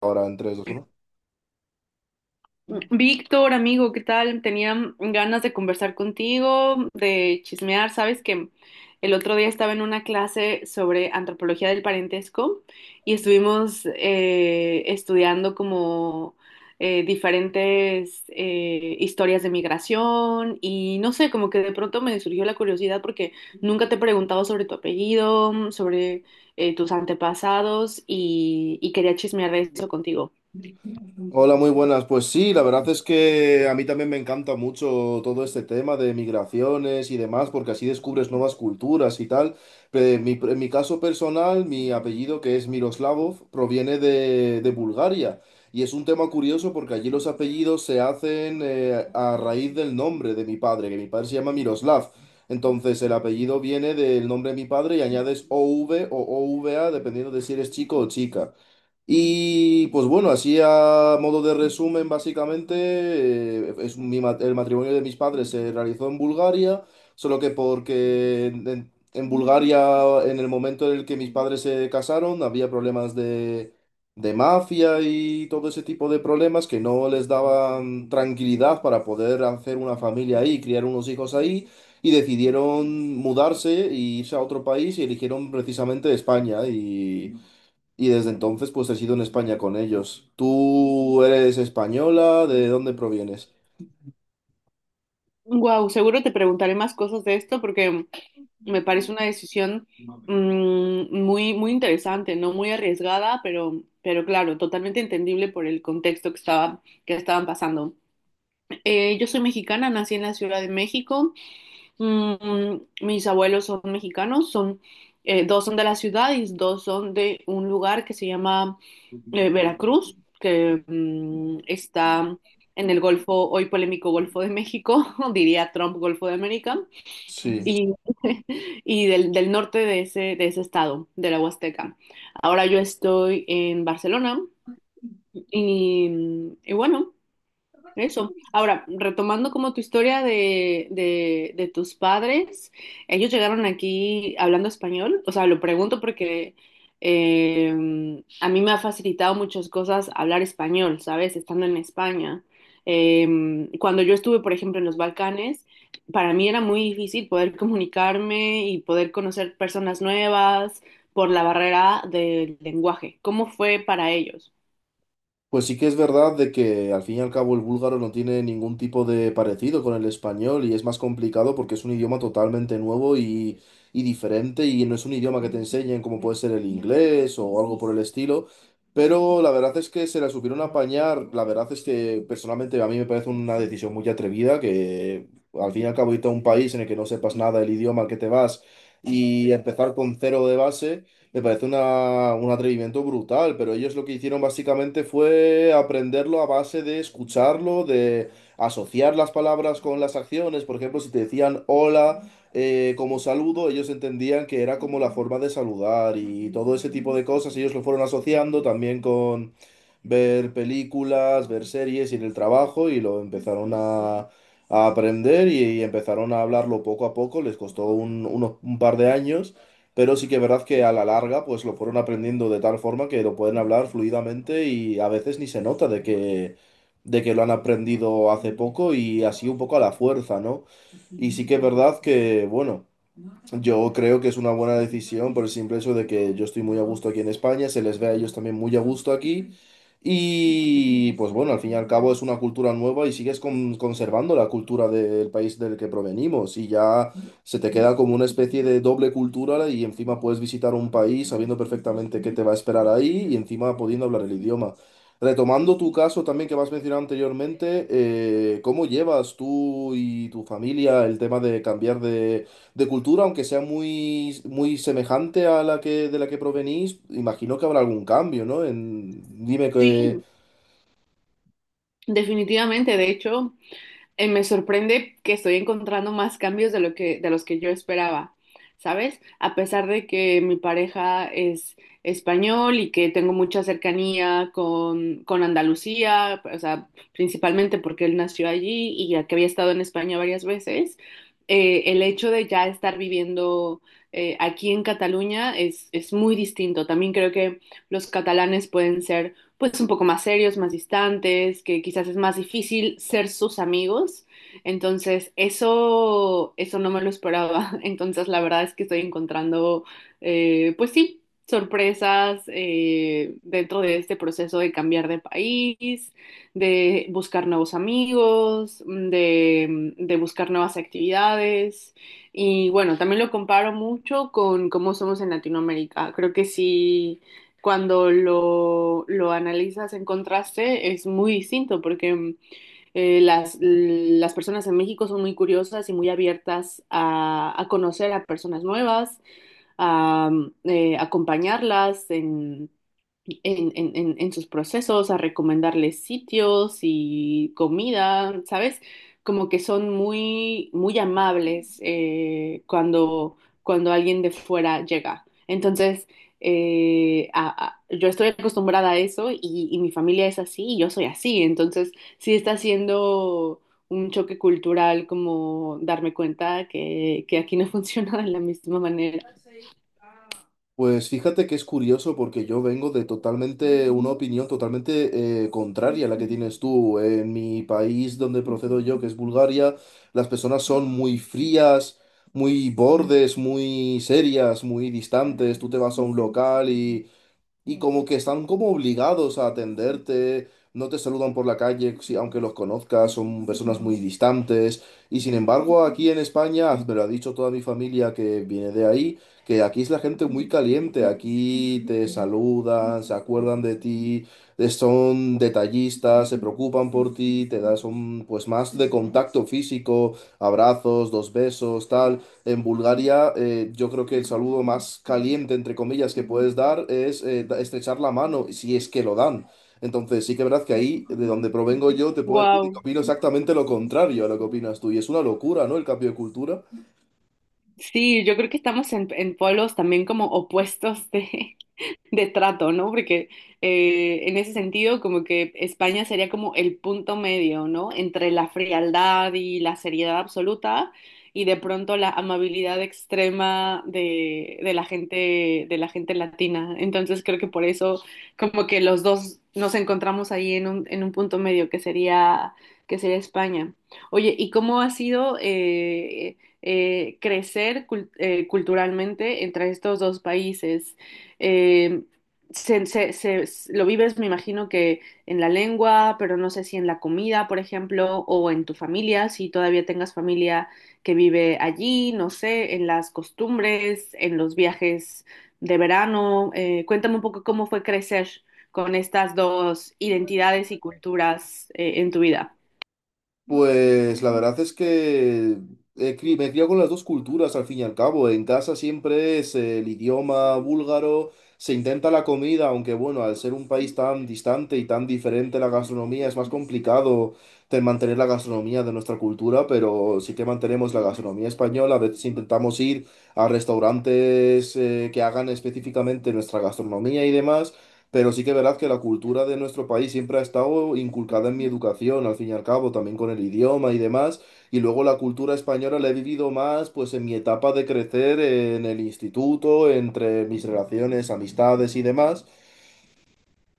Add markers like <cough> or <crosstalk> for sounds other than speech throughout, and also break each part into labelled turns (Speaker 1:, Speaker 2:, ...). Speaker 1: Ahora en tres, dos, uno.
Speaker 2: Víctor, amigo, ¿qué tal? Tenía ganas de conversar contigo, de chismear. Sabes que el otro día estaba en una clase sobre antropología del parentesco y estuvimos estudiando como diferentes historias de migración y no sé, como que de pronto me surgió la curiosidad porque nunca te he preguntado sobre tu apellido, sobre tus antepasados y quería chismear de eso contigo.
Speaker 1: Hola, muy buenas. Pues sí, la verdad es que a mí también me encanta mucho todo este tema de migraciones y demás, porque así descubres nuevas culturas y tal. En mi caso personal, mi apellido, que es Miroslavov, proviene de Bulgaria. Y es un tema curioso porque allí los apellidos se hacen a raíz del nombre de mi padre, que mi padre se llama Miroslav. Entonces el apellido viene del nombre de mi padre y añades o v a dependiendo de si eres chico o chica. Y pues bueno, así a modo de resumen, básicamente, es el matrimonio de mis padres se realizó en Bulgaria, solo que porque en Bulgaria, en el momento en el que mis padres se casaron, había problemas de mafia y todo ese tipo de problemas que no les daban tranquilidad para poder hacer una familia ahí, criar unos hijos ahí, y decidieron mudarse e irse a otro país y eligieron precisamente España. Y desde entonces, pues he sido en España con ellos. ¿Tú eres española? ¿De dónde provienes?
Speaker 2: Wow, seguro te preguntaré más cosas de esto porque me parece una decisión muy, muy interesante, no muy arriesgada, pero claro, totalmente entendible por el contexto que estaba, que estaban pasando. Yo soy mexicana, nací en la Ciudad de México. Mm, Mis abuelos son mexicanos, son dos son de la ciudad y dos son de un lugar que se llama Veracruz, que está en el Golfo, hoy polémico Golfo de México, <laughs> diría Trump Golfo de América
Speaker 1: Sí.
Speaker 2: y, <laughs> y del norte de ese estado, de la Huasteca. Ahora yo estoy en Barcelona y bueno, eso. Ahora, retomando como tu historia de tus padres, ellos llegaron aquí hablando español. O sea, lo pregunto porque eh, a mí me ha facilitado muchas cosas hablar español, ¿sabes? Estando en España. Cuando yo estuve, por ejemplo, en los Balcanes, para mí era muy difícil poder comunicarme y poder conocer personas nuevas por la barrera del lenguaje. ¿Cómo fue para ellos?
Speaker 1: Pues sí que es verdad de que al fin y al cabo el búlgaro no tiene ningún tipo de parecido con el español y es más complicado porque es un idioma totalmente nuevo y diferente y no es un idioma que te enseñen como puede ser el inglés o algo por el estilo. Pero la verdad es que se la supieron apañar. La verdad es que personalmente a mí me parece una decisión muy atrevida que al fin y al cabo irte a un país en el que no sepas nada del idioma al que te vas y empezar con cero de base. Me parece un atrevimiento brutal, pero ellos lo que hicieron básicamente fue aprenderlo a base de escucharlo, de asociar las palabras con las acciones. Por ejemplo, si te decían hola como saludo, ellos entendían que era como la forma de saludar y todo ese tipo de cosas. Ellos lo fueron asociando también ver películas, ver series y en el trabajo y lo empezaron a aprender y empezaron a hablarlo poco a poco, les costó un par de años, pero sí que es verdad que a la larga pues lo fueron aprendiendo de tal forma que lo pueden hablar fluidamente y a veces ni se nota de que lo han aprendido hace poco y así un poco a la fuerza, ¿no? Y sí que es verdad que, bueno. Yo creo que es una buena decisión por el simple hecho de que yo estoy muy a gusto aquí en España, se les ve a ellos también muy a gusto aquí y pues bueno, al fin y al cabo es una cultura nueva y sigues conservando la cultura del país del que provenimos. Y ya se te queda como una especie de doble cultura y encima puedes visitar un país sabiendo perfectamente qué te va a esperar ahí y encima pudiendo hablar el idioma. Retomando tu caso también que me has mencionado anteriormente, ¿cómo llevas tú y tu familia el tema de cambiar de cultura, aunque sea muy, muy semejante a la que, de la que provenís? Imagino que habrá algún cambio, ¿no? En- dime.
Speaker 2: Sí, definitivamente. De hecho. Me sorprende que estoy encontrando más cambios de lo que, de los que yo esperaba, ¿sabes? A pesar de que mi pareja es español y que tengo mucha cercanía con Andalucía. O sea, principalmente porque él nació allí y ya que había estado en España varias veces, el hecho de ya estar viviendo aquí en Cataluña es muy distinto. También creo que los catalanes pueden ser pues un poco más serios, más distantes, que quizás es más difícil ser sus amigos. Entonces, eso no me lo esperaba. <laughs> Entonces, la verdad es que estoy encontrando, pues sí, sorpresas dentro de este proceso de cambiar de país, de buscar nuevos amigos, de buscar nuevas actividades. Y bueno, también lo comparo mucho con cómo somos en Latinoamérica. Creo que sí, cuando lo analizas en contraste es muy distinto porque las personas en México son muy curiosas y muy abiertas a conocer a personas nuevas, a acompañarlas en, en sus procesos, a recomendarles sitios y comida, ¿sabes? Como que son muy, muy amables cuando, cuando alguien de fuera llega. Entonces, yo estoy acostumbrada a eso y mi familia es así y yo soy así. Entonces, sí está siendo un choque cultural como darme cuenta que aquí no <laughs> funciona de la misma manera.
Speaker 1: Pues fíjate que es curioso porque yo vengo de totalmente una opinión totalmente contraria a la que tienes tú. En mi país donde procedo yo, que es Bulgaria, las personas son muy frías, muy bordes, muy serias, muy distantes. Tú te vas a un local y como que están como obligados a atenderte, no te saludan por la calle, si- aunque los conozcas, son personas muy distantes. Y sin embargo, aquí en España, ah, me lo ha dicho toda mi familia que viene de ahí, que aquí es la gente muy caliente, aquí te saludan, se acuerdan de ti, son detallistas, se preocupan por ti, te dan, son pues más de contacto físico, abrazos, dos besos, tal. En Bulgaria, yo creo que el saludo más caliente, entre comillas, que puedes dar es estrechar la mano, si es que lo dan. Entonces, sí que es verdad que ahí, de donde provengo yo, te puedo decir que
Speaker 2: Wow.
Speaker 1: opino exactamente lo contrario a lo que opinas tú. Y es una locura, ¿no? El cambio de cultura.
Speaker 2: Sí, yo creo que estamos en polos también como opuestos de trato, ¿no? Porque en ese sentido, como que España sería como el punto medio, ¿no? Entre la frialdad y la seriedad absoluta y de pronto la amabilidad extrema de la gente latina. Entonces creo que por eso como que los dos nos encontramos ahí en un punto medio que sería España. Oye, ¿y cómo ha sido crecer culturalmente entre estos dos países? eh, lo vives, me imagino que en la lengua, pero no sé si en la comida, por ejemplo, o en tu familia, si todavía tengas familia que vive allí, no sé, en las costumbres, en los viajes de verano. Cuéntame un poco cómo fue crecer con estas dos identidades y culturas, en tu vida.
Speaker 1: Pues la verdad es que me he criado con las dos culturas al fin y al cabo. En casa siempre es el idioma búlgaro, se intenta la comida, aunque bueno, al ser un país tan distante y tan diferente la gastronomía, es más complicado de mantener la gastronomía de nuestra cultura, pero sí que mantenemos la gastronomía española. A veces intentamos ir a restaurantes que hagan específicamente nuestra gastronomía y demás. Pero sí que verás que la cultura de nuestro país siempre ha estado inculcada en mi educación, al fin y al cabo, también con el idioma y demás. Y luego la cultura española la he vivido más, pues en mi etapa de crecer en el instituto, entre mis relaciones, amistades y demás.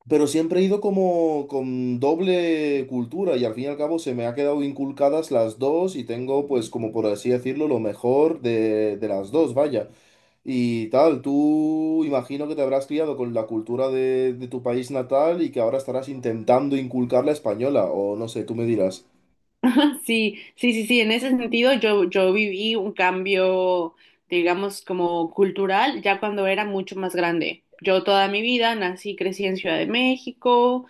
Speaker 1: Pero siempre he ido como con doble cultura y al fin y al cabo se me ha quedado inculcadas las dos y tengo pues como por así decirlo lo mejor de las dos, vaya. Y tal, tú imagino que te habrás criado con la cultura de tu país natal y que ahora estarás intentando inculcar la española o no sé, tú me dirás.
Speaker 2: <laughs> Sí, sí, sí, sí, en ese sentido yo viví un cambio, digamos, como cultural ya cuando era mucho más grande. Yo toda mi vida nací y crecí en Ciudad de México,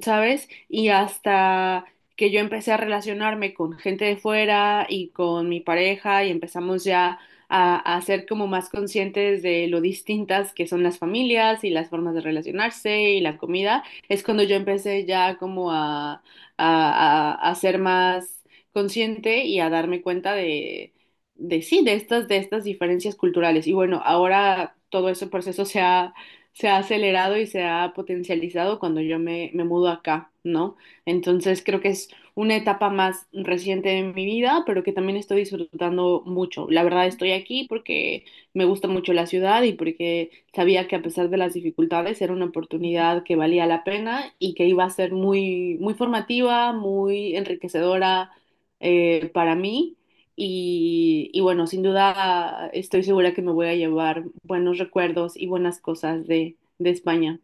Speaker 2: ¿sabes? Y hasta que yo empecé a relacionarme con gente de fuera y con mi pareja y empezamos ya a ser como más conscientes de lo distintas que son las familias y las formas de relacionarse y la comida, es cuando yo empecé ya como a, a ser más consciente y a darme cuenta de sí, de estas diferencias culturales. Y bueno, ahora todo ese proceso se ha acelerado y se ha potencializado cuando yo me, me mudo acá, ¿no? Entonces creo que es una etapa más reciente de mi vida, pero que también estoy disfrutando mucho. La verdad estoy aquí porque me gusta mucho la ciudad y porque sabía que a pesar de las dificultades era una oportunidad que valía la pena y que iba a ser muy, muy formativa, muy enriquecedora para mí. Y bueno, sin duda estoy segura que me voy a llevar buenos recuerdos y buenas cosas de España.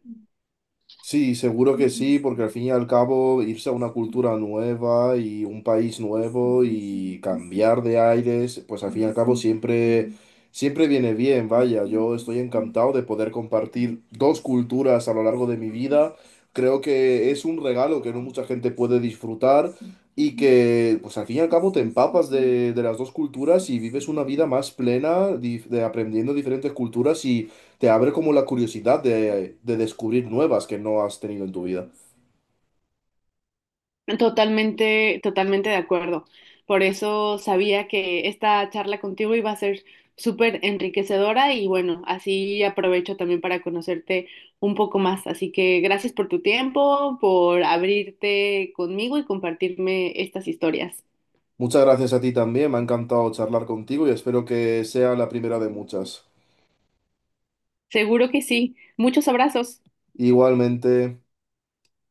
Speaker 1: Sí, seguro que sí, porque al fin y al cabo irse a una cultura nueva y un país nuevo y cambiar de aires, pues al fin y al cabo siempre, siempre viene bien, vaya, yo estoy encantado de poder compartir dos culturas a lo largo de mi vida. Creo que es un regalo que no mucha gente puede disfrutar y que, pues al fin y al cabo, te empapas de las dos culturas y vives una vida más plena, de aprendiendo diferentes culturas y te abre como la curiosidad de descubrir nuevas que no has tenido en tu vida.
Speaker 2: Totalmente, totalmente de acuerdo. Por eso sabía que esta charla contigo iba a ser súper enriquecedora y bueno, así aprovecho también para conocerte un poco más. Así que gracias por tu tiempo, por abrirte conmigo y compartirme estas historias.
Speaker 1: Muchas gracias a ti también, me ha encantado charlar contigo y espero que sea la primera de muchas.
Speaker 2: Seguro que sí. Muchos abrazos.
Speaker 1: Igualmente.